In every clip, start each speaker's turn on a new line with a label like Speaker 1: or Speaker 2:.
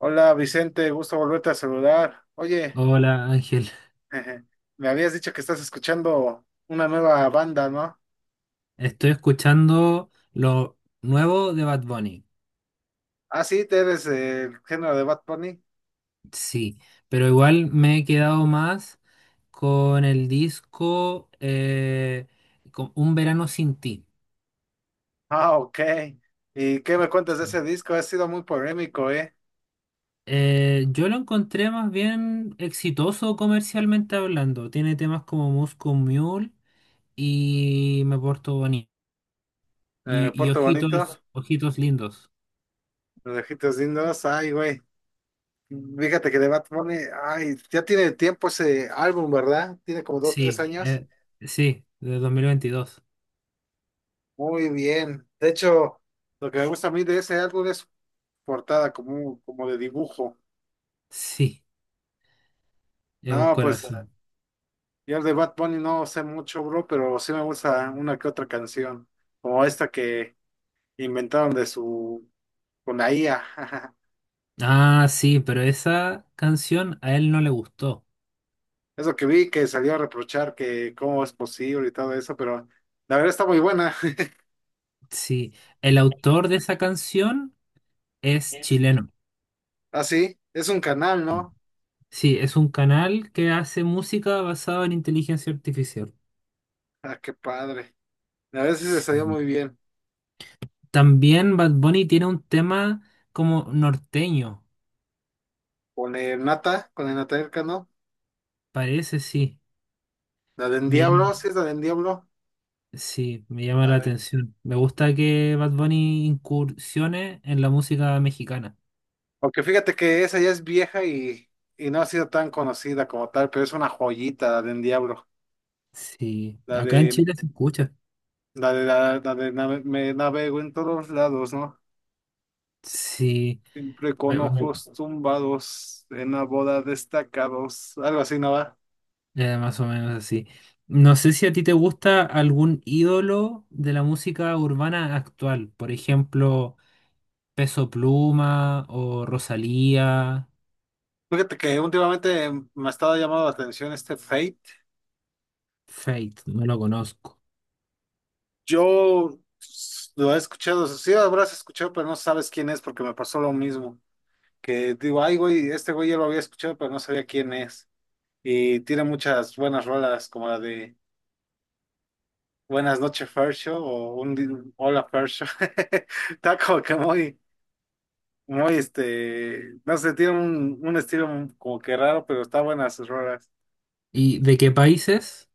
Speaker 1: Hola Vicente, gusto volverte a saludar. Oye,
Speaker 2: Hola Ángel,
Speaker 1: me habías dicho que estás escuchando una nueva banda, ¿no?
Speaker 2: estoy escuchando lo nuevo de Bad Bunny.
Speaker 1: Ah, sí, te eres el género de Bad Bunny.
Speaker 2: Sí, pero igual me he quedado más con el disco con Un verano sin ti.
Speaker 1: Ah, ok. ¿Y qué me cuentas de
Speaker 2: Sí.
Speaker 1: ese disco? Ha sido muy polémico, ¿eh?
Speaker 2: Yo lo encontré más bien exitoso comercialmente hablando. Tiene temas como Moscow Mule y Me Porto Bonito y
Speaker 1: Puerto Bonito,
Speaker 2: Ojitos, Ojitos Lindos.
Speaker 1: Los Ojitos Lindos, ay, güey. Fíjate que de Bad Bunny, ay, ya tiene tiempo ese álbum, ¿verdad? Tiene como dos, tres
Speaker 2: Sí,
Speaker 1: años.
Speaker 2: sí, de 2022.
Speaker 1: Muy bien. De hecho, lo que me gusta a mí de ese álbum es su portada como de dibujo.
Speaker 2: Sí, es un
Speaker 1: No, pues.
Speaker 2: corazón.
Speaker 1: Yo de Bad Bunny no sé mucho, bro, pero sí me gusta una que otra canción, como esta que inventaron con la IA.
Speaker 2: Ah, sí, pero esa canción a él no le gustó.
Speaker 1: Eso que vi que salió a reprochar que cómo es posible y todo eso, pero la verdad está muy buena.
Speaker 2: Sí, el autor de esa canción es
Speaker 1: Yes.
Speaker 2: chileno.
Speaker 1: Ah, sí, es un canal, ¿no?
Speaker 2: Sí, es un canal que hace música basada en inteligencia artificial.
Speaker 1: Ah, qué padre. La verdad sí se salió
Speaker 2: Sí.
Speaker 1: muy bien.
Speaker 2: También Bad Bunny tiene un tema como norteño,
Speaker 1: Con el Natael Cano,
Speaker 2: parece, sí.
Speaker 1: la de
Speaker 2: Me llama,
Speaker 1: Diablo, sí es la de Diablo.
Speaker 2: sí, me llama
Speaker 1: A
Speaker 2: la
Speaker 1: ver.
Speaker 2: atención. Me gusta que Bad Bunny incursione en la música mexicana.
Speaker 1: Aunque fíjate que esa ya es vieja y no ha sido tan conocida como tal, pero es una joyita la de Diablo.
Speaker 2: Sí,
Speaker 1: La
Speaker 2: acá en
Speaker 1: de,
Speaker 2: Chile se escucha.
Speaker 1: la de, la de Me navego en todos lados, ¿no?
Speaker 2: Sí,
Speaker 1: Siempre
Speaker 2: me,
Speaker 1: con
Speaker 2: me-
Speaker 1: ojos tumbados, en la boda destacados, algo así, ¿no va?
Speaker 2: ya, más o menos así. No sé si a ti te gusta algún ídolo de la música urbana actual, por ejemplo, Peso Pluma o Rosalía,
Speaker 1: Fíjate que últimamente me ha estado llamando la atención este Fate.
Speaker 2: Fate, no lo conozco.
Speaker 1: Yo lo he escuchado, sí lo habrás escuchado, pero no sabes quién es porque me pasó lo mismo. Que digo, ay, güey, este güey ya lo había escuchado, pero no sabía quién es. Y tiene muchas buenas rolas, como la de Buenas noches, Fercho, o Hola, Fercho. Está como que muy. Muy, no sé, tiene un estilo como que raro, pero está buena sus rolas.
Speaker 2: ¿Y de qué países?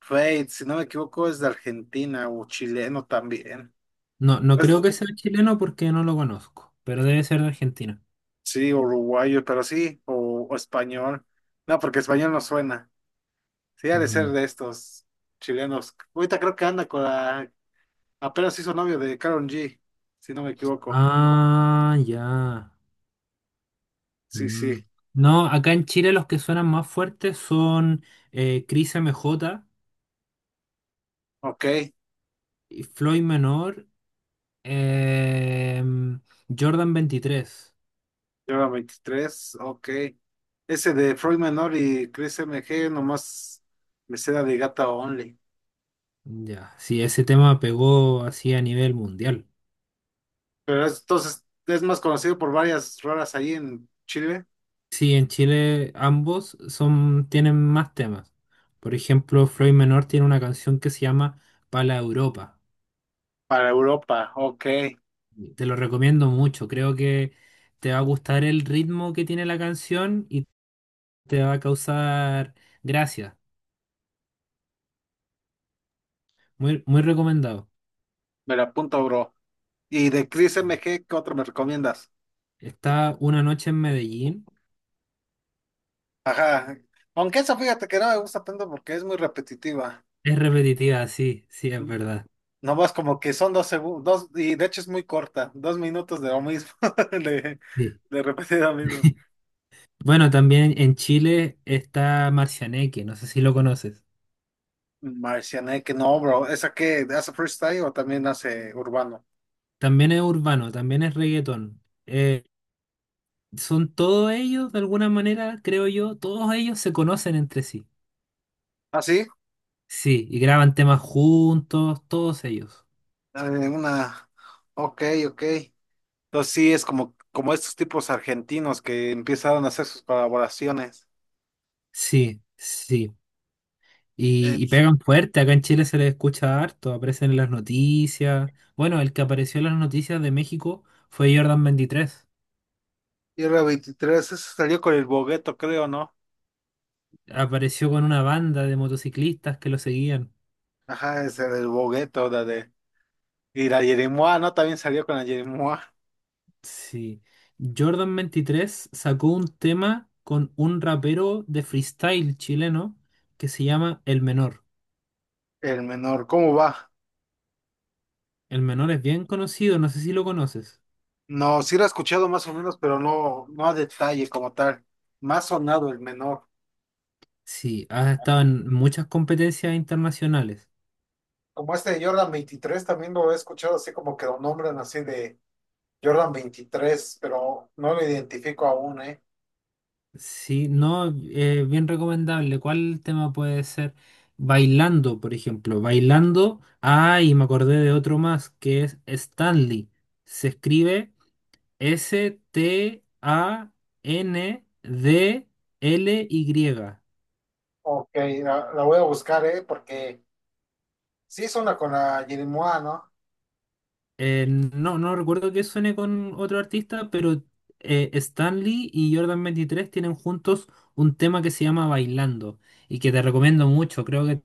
Speaker 1: Fate, si no me equivoco, es de Argentina o chileno también.
Speaker 2: No, no
Speaker 1: Es-
Speaker 2: creo que sea chileno porque no lo conozco, pero debe ser de Argentina.
Speaker 1: sí, uruguayo, pero sí, o español. No, porque español no suena. Sí, ha de ser
Speaker 2: Mm.
Speaker 1: de estos chilenos. Ahorita creo que anda apenas hizo novio de Karol G, si no me equivoco.
Speaker 2: Ah, ya.
Speaker 1: Sí,
Speaker 2: Mm.
Speaker 1: sí,
Speaker 2: No, acá en Chile los que suenan más fuertes son Cris MJ,
Speaker 1: ok.
Speaker 2: y Floyd Menor. Em, Jordan 23.
Speaker 1: Lleva 23, ok. Ese de Freud Menor y Chris MG, nomás me seda de Gata Only.
Speaker 2: Ya, sí, ese tema pegó así a nivel mundial.
Speaker 1: Pero entonces es más conocido por varias rolas ahí en Chile.
Speaker 2: Sí, en Chile ambos son, tienen más temas. Por ejemplo, Floyd Menor tiene una canción que se llama Pala Europa.
Speaker 1: Para Europa, ok.
Speaker 2: Te lo recomiendo mucho. Creo que te va a gustar el ritmo que tiene la canción y te va a causar gracia. Muy, muy recomendado.
Speaker 1: Me la apunto, bro. Y de Chris MG, ¿qué otro me recomiendas?
Speaker 2: Está Una noche en Medellín.
Speaker 1: Ajá. Aunque esa fíjate que no me gusta tanto porque es muy repetitiva.
Speaker 2: Es repetitiva, sí, sí, es verdad.
Speaker 1: Nomás como que son 2 segundos, dos, y de hecho es muy corta, 2 minutos de lo mismo, de,
Speaker 2: Sí.
Speaker 1: de repetir lo mismo.
Speaker 2: Bueno, también en Chile está Marcianeque, no sé si lo conoces.
Speaker 1: Marcianeque, no, bro. ¿Esa que ¿Hace freestyle o también hace urbano?
Speaker 2: También es urbano, también es reggaetón. Eh, son todos ellos, de alguna manera, creo yo, todos ellos se conocen entre sí.
Speaker 1: Ah, sí.
Speaker 2: Sí, y graban temas juntos, todos ellos.
Speaker 1: Eh, una. Ok, ok. Entonces sí, es como estos tipos argentinos que empezaron a hacer sus colaboraciones.
Speaker 2: Sí, sí. Y,
Speaker 1: El
Speaker 2: y pegan fuerte, acá en Chile se les escucha harto, aparecen en las noticias. Bueno, el que apareció en las noticias de México fue Jordan 23.
Speaker 1: Tierra 23, eso salió con el Bogueto, creo, ¿no?
Speaker 2: Apareció con una banda de motociclistas que lo seguían.
Speaker 1: Ajá, ese del Bogueto, la de. Y la Yeremoa, ¿no? También salió con la Yeremoa.
Speaker 2: Sí. Jordan 23 sacó un tema con un rapero de freestyle chileno que se llama El Menor.
Speaker 1: El menor, ¿cómo va?
Speaker 2: El Menor es bien conocido, no sé si lo conoces.
Speaker 1: No, sí lo he escuchado más o menos, pero no, no a detalle como tal. Más sonado el menor.
Speaker 2: Sí, ha estado en muchas competencias internacionales.
Speaker 1: Como este de Jordan 23 también lo he escuchado así como que lo nombran así de Jordan 23 pero no lo identifico aún, ¿eh?
Speaker 2: Sí, no, bien recomendable. ¿Cuál tema puede ser? Bailando, por ejemplo. Bailando. Ah, y me acordé de otro más que es Stanley. Se escribe Standly.
Speaker 1: Ok, la voy a buscar, ¿eh? Porque sí es una con la Jerimoa, ¿no?
Speaker 2: No, no recuerdo que suene con otro artista, pero Stanley y Jordan 23 tienen juntos un tema que se llama Bailando y que te recomiendo mucho. Creo que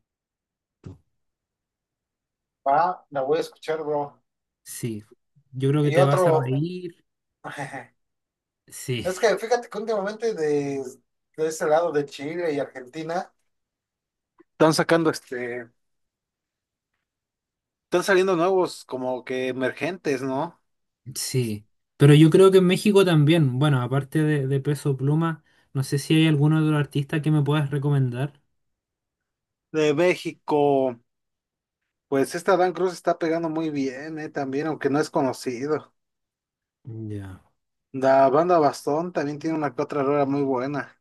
Speaker 1: Va, la voy a escuchar, bro.
Speaker 2: sí, yo creo que
Speaker 1: Y
Speaker 2: te vas a
Speaker 1: otro,
Speaker 2: reír. Sí,
Speaker 1: es que fíjate que últimamente de ese lado de Chile y Argentina están sacando este, están saliendo nuevos como que emergentes, ¿no?
Speaker 2: sí. Pero yo creo que en México también, bueno, aparte de Peso Pluma, no sé si hay algún otro artista que me puedas recomendar.
Speaker 1: De México. Pues esta Dan Cruz está pegando muy bien, también, aunque no es conocido.
Speaker 2: Ya.
Speaker 1: La banda Bastón también tiene una que otra rola muy buena.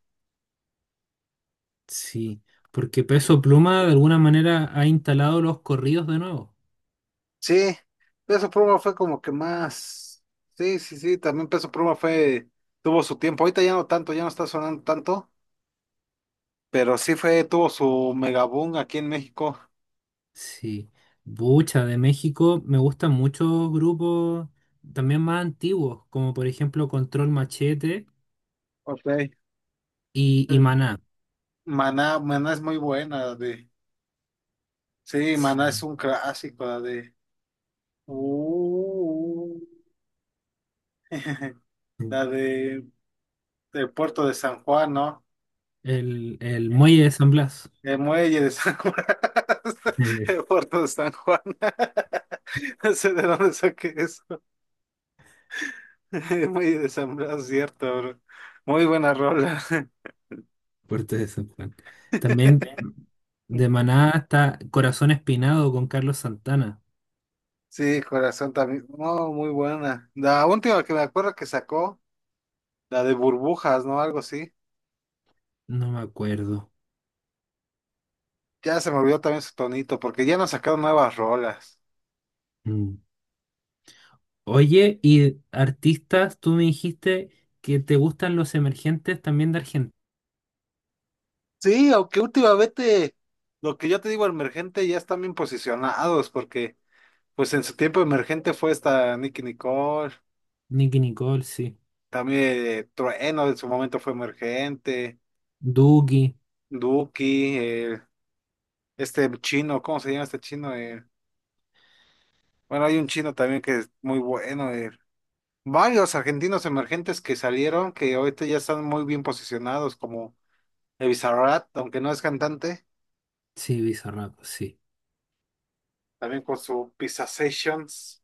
Speaker 2: Sí, porque Peso Pluma de alguna manera ha instalado los corridos de nuevo.
Speaker 1: Sí, Peso Pluma fue como que más. Sí, sí, sí, también Peso Pluma tuvo su tiempo. Ahorita ya no tanto, ya no está sonando tanto, pero sí tuvo su mega boom aquí en México.
Speaker 2: Sí, Bucha de México, me gustan muchos grupos también más antiguos, como por ejemplo Control Machete
Speaker 1: Ok.
Speaker 2: y Maná.
Speaker 1: Maná es muy buena, la de. Sí, Maná es
Speaker 2: Sí.
Speaker 1: un clásico, la de. Uh, la de, del puerto de San Juan, ¿no?
Speaker 2: El Muelle de San Blas,
Speaker 1: El muelle de San Juan.
Speaker 2: eh,
Speaker 1: El puerto de San Juan. No sé de dónde saqué eso. El muelle de San Blas, cierto, bro. Muy buena rola.
Speaker 2: Puerto de San Juan. También de Maná hasta Corazón Espinado con Carlos Santana.
Speaker 1: Sí, corazón también. No, muy buena. La última que me acuerdo que sacó, la de burbujas, ¿no? Algo así.
Speaker 2: No me acuerdo.
Speaker 1: Ya se me olvidó también su tonito, porque ya no sacaron nuevas rolas.
Speaker 2: Mm. Oye, y artistas, tú me dijiste que te gustan los emergentes también de Argentina.
Speaker 1: Sí, aunque últimamente lo que yo te digo, emergente, ya están bien posicionados, porque. Pues en su tiempo emergente fue esta Nicki Nicole,
Speaker 2: Nicki Nicole, sí.
Speaker 1: también Trueno en su momento fue emergente,
Speaker 2: Duki,
Speaker 1: Duki, este chino, ¿cómo se llama este chino? Bueno, hay un chino también que es muy bueno. Varios argentinos emergentes que salieron, que ahorita ya están muy bien posicionados, como el Bizarrap, aunque no es cantante,
Speaker 2: sí, Bizarrap, sí.
Speaker 1: también con su Pizza Sessions.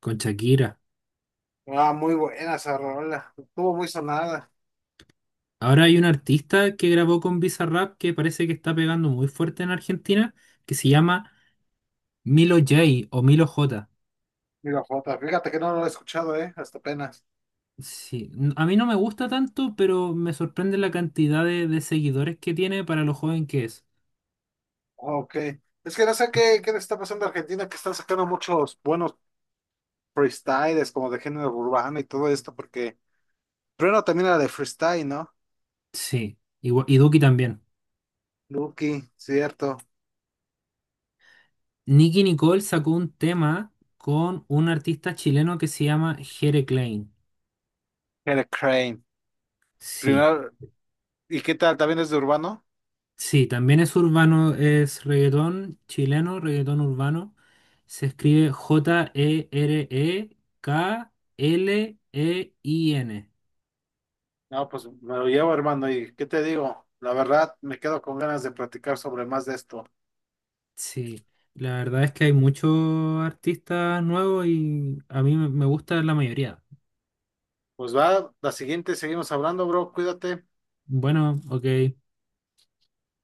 Speaker 2: Con Shakira.
Speaker 1: Ah, muy buena esa rola, estuvo muy sonada.
Speaker 2: Ahora hay un artista que grabó con Bizarrap que parece que está pegando muy fuerte en Argentina, que se llama Milo J o Milo J.
Speaker 1: Mira, Jota, fíjate que no lo he escuchado, hasta apenas.
Speaker 2: Sí, a mí no me gusta tanto, pero me sorprende la cantidad de seguidores que tiene para lo joven que es.
Speaker 1: Ah, ok. Es que no sé qué le está pasando a Argentina, que están sacando muchos buenos freestyles, como de género urbano y todo esto, porque primero también era de freestyle, ¿no?
Speaker 2: Sí, igual, y Duki también.
Speaker 1: Lucky, cierto.
Speaker 2: Nicky Nicole sacó un tema con un artista chileno que se llama Jere Klein.
Speaker 1: Era Crane.
Speaker 2: Sí,
Speaker 1: Primero, ¿y qué tal? ¿También es de urbano?
Speaker 2: sí, también es urbano, es reggaetón chileno, reggaetón urbano. Se escribe Jereklein.
Speaker 1: No, pues me lo llevo, hermano, y ¿qué te digo? La verdad, me quedo con ganas de platicar sobre más de esto.
Speaker 2: Sí, la verdad es que hay muchos artistas nuevos y a mí me gusta la mayoría.
Speaker 1: Pues va, la siguiente seguimos hablando, bro, cuídate.
Speaker 2: Bueno, ok.